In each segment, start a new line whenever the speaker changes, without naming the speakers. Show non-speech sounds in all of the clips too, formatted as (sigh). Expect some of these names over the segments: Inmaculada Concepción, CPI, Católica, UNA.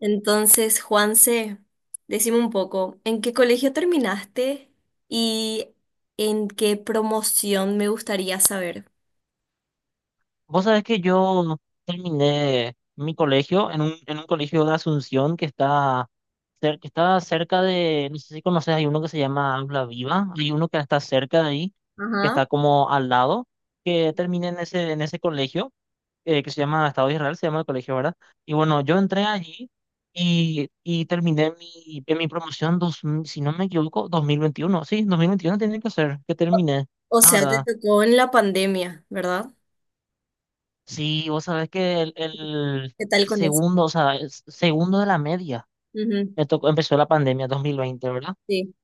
Entonces, Juanse, decime un poco, ¿en qué colegio terminaste y en qué promoción me gustaría saber?
Vos sabés que yo terminé mi colegio en un colegio de Asunción que está, que está cerca de, no sé si conoces, hay uno que se llama Habla Viva, hay uno que está cerca de ahí, que
Ajá.
está como al lado, que terminé en ese colegio, que se llama Estado de Israel, se llama el colegio, ¿verdad? Y bueno, yo entré allí y terminé en mi promoción, si no me equivoco, 2021. Sí, 2021 tiene que ser, que terminé,
O o
la
sea, te
verdad.
tocó en la pandemia, ¿verdad?
Sí, vos sabés que el, el,
¿Qué tal
el
con eso?
segundo, o sea, el segundo de la media,
Ujú,
me tocó, empezó la pandemia 2020, ¿verdad?
Sí,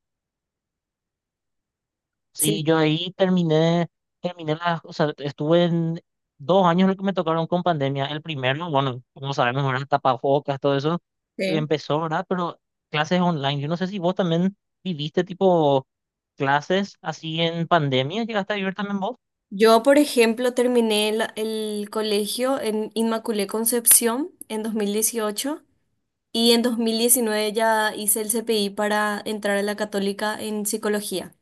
sí,
Sí, yo ahí terminé, terminé las, o sea, estuve en 2 años los que me tocaron con pandemia. El primero, bueno, como sabemos, eran tapabocas, todo eso, y
sí.
empezó, ¿verdad? Pero clases online, yo no sé si vos también viviste tipo clases así en pandemia, ¿llegaste a vivir también
Yo, por ejemplo, terminé el colegio en Inmaculé Concepción en 2018 y en 2019 ya hice el CPI para entrar a la Católica en psicología.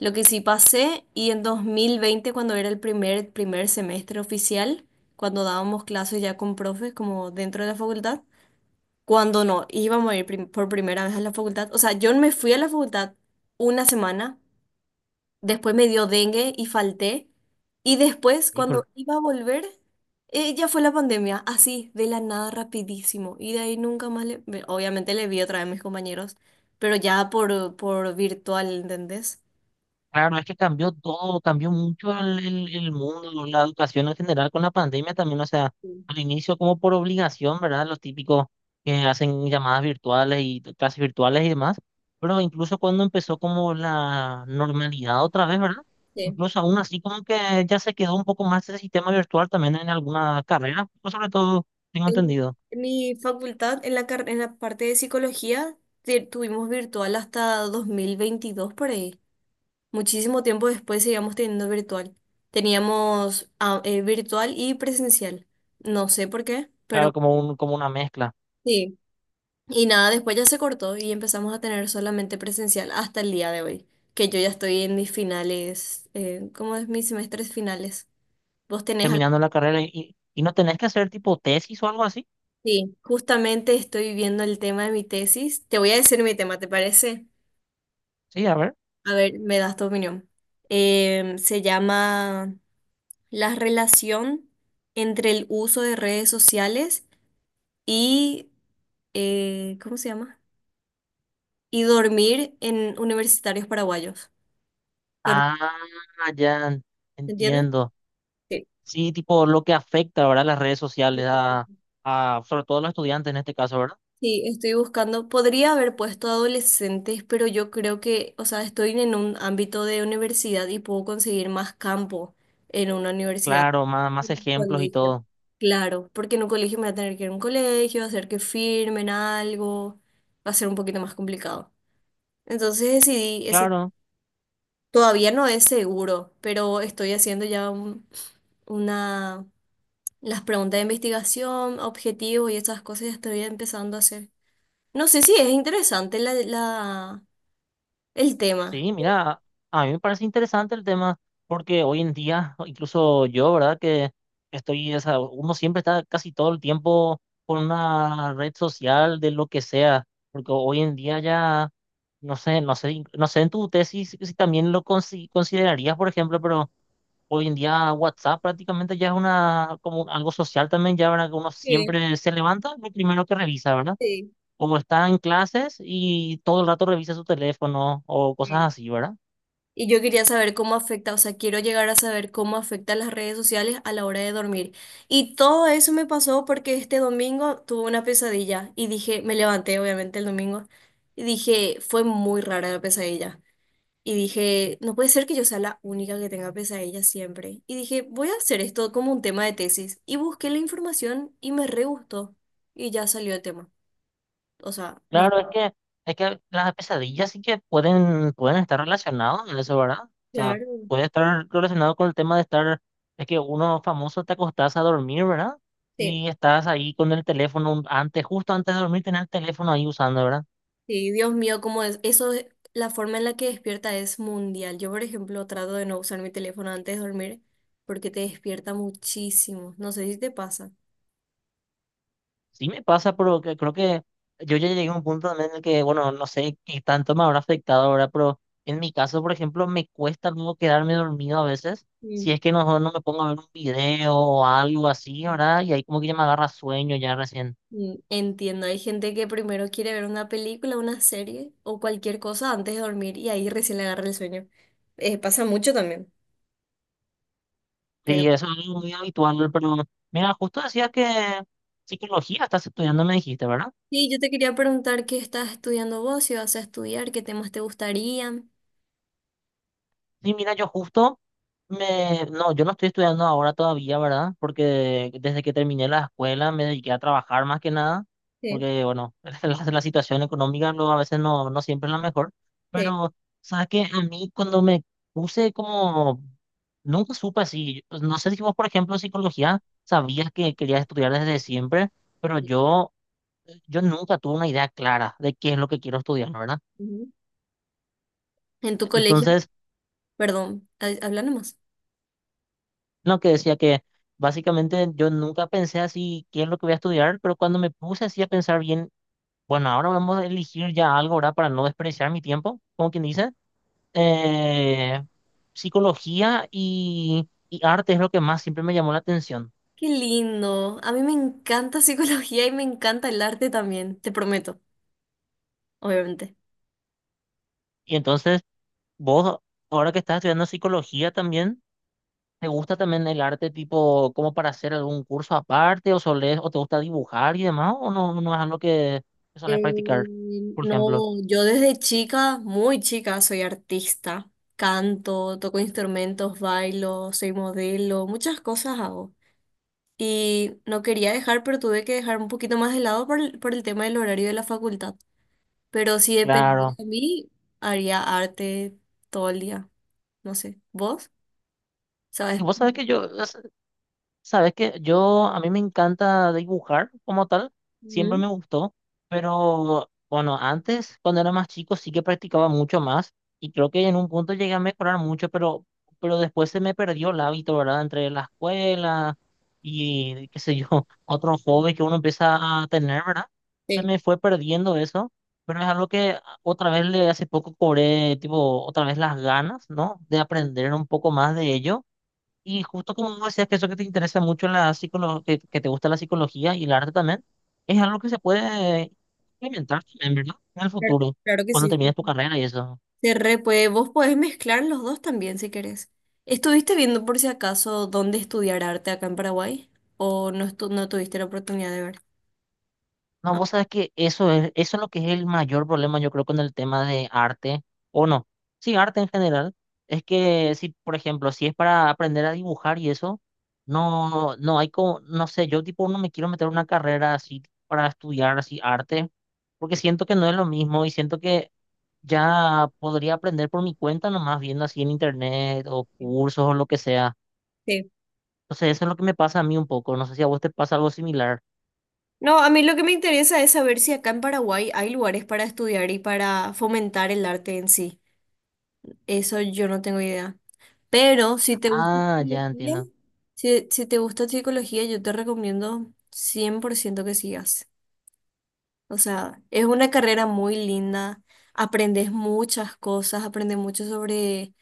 Lo que sí pasé, y en 2020 cuando era el primer semestre oficial, cuando dábamos clases ya con profes, como dentro de la facultad, cuando no, íbamos a ir por primera vez a la facultad. O sea, yo me fui a la facultad una semana, después me dio dengue y falté, y después, cuando
vos?
iba a volver, ya fue la pandemia, así, de la nada, rapidísimo. Y de ahí nunca más obviamente le vi otra vez a mis compañeros, pero ya por virtual, ¿entendés?
Claro, es que cambió todo, cambió mucho el mundo, la educación en general con la pandemia también, o sea, al inicio como por obligación, ¿verdad? Los típicos que hacen llamadas virtuales y clases virtuales y demás, pero incluso cuando empezó como la normalidad otra vez, ¿verdad?
Sí.
Incluso aún así como que ya se quedó un poco más ese sistema virtual también en alguna carrera, pues sobre todo, tengo
En
entendido,
en mi facultad, en la, en la parte de psicología, tuvimos virtual hasta 2022 por ahí. Muchísimo tiempo después seguíamos teniendo virtual. Teníamos virtual y presencial. No sé por qué, pero
claro, como como una mezcla,
sí. Y nada, después ya se cortó y empezamos a tener solamente presencial hasta el día de hoy, que yo ya estoy en mis finales, ¿cómo es? Mis semestres finales. ¿Vos tenés algo?
terminando la carrera y no tenés que hacer tipo tesis o algo así,
Sí, justamente estoy viendo el tema de mi tesis. Te voy a decir mi tema, ¿te parece?
sí, a ver.
A ver, me das tu opinión. Se llama la relación entre el uso de redes sociales y, ¿cómo se llama? Y dormir en universitarios paraguayos. Dor-
Ah, ya
¿Se entiende?
entiendo.
Sí.
Sí, tipo lo que afecta, ¿verdad? Las redes sociales a sobre todo a los estudiantes en este caso, ¿verdad?
Sí, estoy buscando. Podría haber puesto adolescentes, pero yo creo que, o sea, estoy en un ámbito de universidad y puedo conseguir más campo en una universidad.
Claro, más, más
En un
ejemplos y
colegio.
todo.
Claro, porque en un colegio me voy a tener que ir a un colegio, hacer que firmen algo, va a ser un poquito más complicado. Entonces decidí, ese
Claro,
todavía no es seguro, pero estoy haciendo ya una, las preguntas de investigación, objetivos y esas cosas ya estoy empezando a hacer. No sé si es interesante el tema.
sí, mira, a mí me parece interesante el tema porque hoy en día, incluso yo, ¿verdad? Que estoy, o sea, uno siempre está casi todo el tiempo con una red social de lo que sea, porque hoy en día ya, no sé en tu tesis si también lo considerarías, por ejemplo, pero hoy en día WhatsApp prácticamente ya es algo social también, ya, ¿verdad? Que uno
Sí,
siempre se levanta, lo primero que revisa, ¿verdad?
sí,
Como está en clases y todo el rato revisa su teléfono o cosas
sí.
así, ¿verdad?
Y yo quería saber cómo afecta, o sea, quiero llegar a saber cómo afecta las redes sociales a la hora de dormir. Y todo eso me pasó porque este domingo tuve una pesadilla y dije, me levanté obviamente el domingo y dije, fue muy rara la pesadilla. Y dije, no puede ser que yo sea la única que tenga pesadillas siempre. Y dije, voy a hacer esto como un tema de tesis. Y busqué la información y me re gustó. Y ya salió el tema. O sea, no es.
Claro, es que, las pesadillas sí que pueden estar relacionadas en eso, ¿verdad? O sea,
Claro,
puede estar relacionado con el tema de estar, es que uno famoso te acostás a dormir, ¿verdad?
sí.
Y estás ahí con el teléfono antes, justo antes de dormir, tener el teléfono ahí usando, ¿verdad?
Sí, Dios mío, como es, eso, es- la forma en la que despierta es mundial. Yo, por ejemplo, trato de no usar mi teléfono antes de dormir porque te despierta muchísimo. No sé si te pasa.
Sí me pasa, pero creo que yo ya llegué a un punto también en el que, bueno, no sé qué tanto me habrá afectado ahora, pero en mi caso, por ejemplo, me cuesta luego quedarme dormido a veces, si
Mm.
es que no me pongo a ver un video o algo así, ¿verdad? Y ahí como que ya me agarra sueño ya recién.
Mm, entiendo, hay gente que primero quiere ver una película, una serie o cualquier cosa antes de dormir y ahí recién le agarra el sueño. Pasa mucho también, pero...
Sí, eso es algo muy habitual, pero mira, justo decías que psicología estás estudiando, me dijiste, ¿verdad?
Sí, yo te quería preguntar qué estás estudiando vos, si vas a estudiar, qué temas te gustarían.
Sí, mira, yo no estoy estudiando ahora todavía, ¿verdad? Porque desde que terminé la escuela me dediqué a trabajar más que nada,
Sí,
porque, bueno, (laughs) la situación económica a veces no siempre es la mejor,
sí.
pero, ¿sabes qué? A mí cuando me puse como, nunca supe así, pues, no sé si vos, por ejemplo, en psicología, sabías que querías estudiar desde siempre, pero
Sí.
yo nunca tuve una idea clara de qué es lo que quiero estudiar, ¿verdad?
Ujú. En tu colegio,
Entonces.
perdón, habla nomás.
No, que decía que básicamente yo nunca pensé así qué es lo que voy a estudiar, pero cuando me puse así a pensar bien, bueno, ahora vamos a elegir ya algo, ¿verdad? Para no desperdiciar mi tiempo, como quien dice. eh, psicología y arte es lo que más siempre me llamó la atención.
Qué lindo. A mí me encanta (laughs) psicología y me encanta el arte también, te prometo, obviamente.
Y entonces, vos, ahora que estás estudiando psicología también, ¿te gusta también el arte tipo como para hacer algún curso aparte o solés, o te gusta dibujar y demás, o no es algo que solés practicar,
Eh,
por ejemplo?
no, yo desde chica, muy chica, soy artista. Canto, toco instrumentos, bailo, soy modelo, muchas cosas hago. Y no quería dejar, pero tuve que dejar un poquito más de lado por el tema del horario de la facultad. Pero si dependiera
Claro.
de mí, haría arte todo el día. No sé, ¿vos?
Y
¿Sabes?
vos sabés que yo, a mí me encanta dibujar como tal, siempre me
Ujú,
gustó, pero bueno, antes, cuando era más chico, sí que practicaba mucho más y creo que en un punto llegué a mejorar mucho, pero después se me perdió el hábito, ¿verdad? Entre la escuela y, qué sé yo, (laughs) otro hobby que uno empieza a tener, ¿verdad? Se
sí,
me fue perdiendo eso, pero es algo que otra vez le hace poco cobré, tipo, otra vez las ganas, ¿no? De aprender un poco más de ello. Y justo como vos decías que eso que te interesa mucho en la psicología, que te gusta la psicología y el arte también, es algo que se puede implementar también, ¿verdad? En el
claro
futuro,
claro que
cuando
sí. Sí.
termines tu carrera y eso.
Se re puede. Vos podés mezclar los dos también si querés. ¿Estuviste viendo por si acaso dónde estudiar arte acá en Paraguay? ¿O no, no tuviste la oportunidad de ver?
No,
Ah,
vos sabes que eso es lo que es el mayor problema, yo creo, con el tema de arte, o no, sí, arte en general, es que si, por ejemplo, si es para aprender a dibujar y eso, no hay como, no sé, yo tipo no me quiero meter en una carrera así para estudiar así arte, porque siento que no es lo mismo y siento que ya podría aprender por mi cuenta, nomás viendo así en internet o cursos o lo que sea.
sí.
Entonces, eso es lo que me pasa a mí un poco. No sé si a vos te pasa algo similar.
No, a mí lo que me interesa es saber si acá en Paraguay hay lugares para estudiar y para fomentar el arte en sí. Eso yo no tengo idea. Pero si te gusta
Ah, ya
psicología,
entiendo.
si te gusta psicología, yo te recomiendo 100% que sigas. O sea, es una carrera muy linda, aprendes muchas cosas, aprendes mucho sobre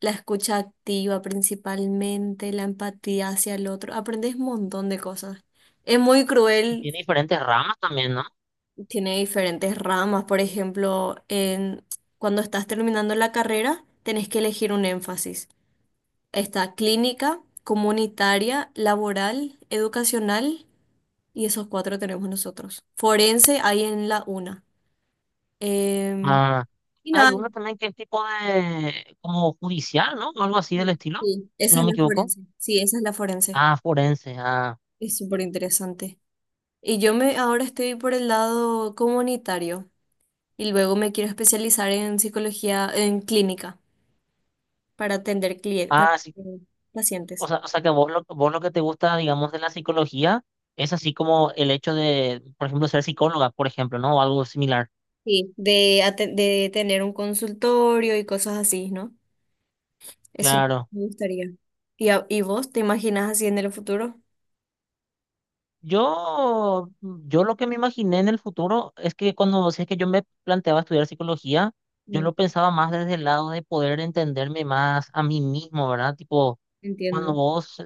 la escucha activa principalmente, la empatía hacia el otro, aprendes un montón de cosas. Es muy
Y
cruel,
tiene diferentes ramas también, ¿no?
tiene diferentes ramas, por ejemplo, cuando estás terminando la carrera, tenés que elegir un énfasis. Está clínica, comunitaria, laboral, educacional, y esos cuatro tenemos nosotros. Forense hay en la UNA. Em,
Ah,
Y
hay
nada,
uno también que es tipo de, como judicial, ¿no? O algo así del estilo,
sí,
si
esa
no
es
me
la
equivoco.
forense. Sí, esa es la forense.
Ah, forense. Ah,
Es súper interesante. Y yo me ahora estoy por el lado comunitario y luego me quiero especializar en psicología, en clínica, para atender clientes, para
ah, sí. O
pacientes.
sea, o sea que vos lo que te gusta, digamos, de la psicología es así como el hecho de, por ejemplo, ser psicóloga, por ejemplo, ¿no? O algo similar.
Sí, de, de tener un consultorio y cosas así, ¿no? Eso
Claro.
me gustaría. ¿Y, y vos te imaginas así en el futuro?
Yo lo que me imaginé en el futuro es que si es que yo me planteaba estudiar psicología, yo
Mm,
lo pensaba más desde el lado de poder entenderme más a mí mismo, ¿verdad? Tipo, cuando
entiendo.
vos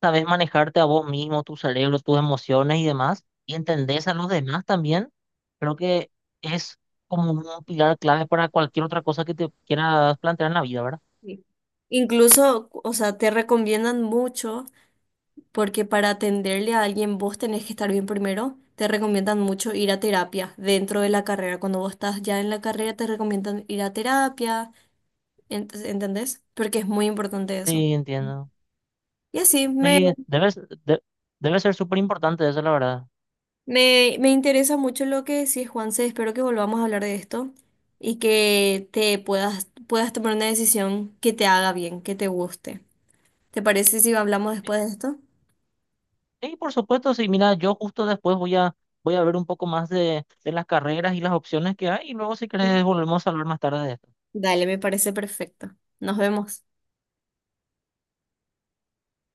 sabes manejarte a vos mismo, tu cerebro, tus emociones y demás, y entendés a los demás también, creo que es como un pilar clave para cualquier otra cosa que te quieras plantear en la vida, ¿verdad?
Sí. Incluso, o sea, te recomiendan mucho. Porque para atenderle a alguien vos tenés que estar bien primero. Te recomiendan mucho ir a terapia dentro de la carrera. Cuando vos estás ya en la carrera, te recomiendan ir a terapia, ¿entendés? Porque es muy importante eso.
Sí, entiendo.
Y así,
Sí, debe ser súper importante eso, la verdad.
me interesa mucho lo que decís, Juanse. Espero que volvamos a hablar de esto y que te puedas tomar una decisión que te haga bien, que te guste. ¿Te parece si hablamos después de esto?
Sí, por supuesto, sí. Mira, yo justo después voy a ver un poco más de las carreras y las opciones que hay y luego si
Sí.
querés volvemos a hablar más tarde de esto.
Dale, me parece perfecto. Nos vemos.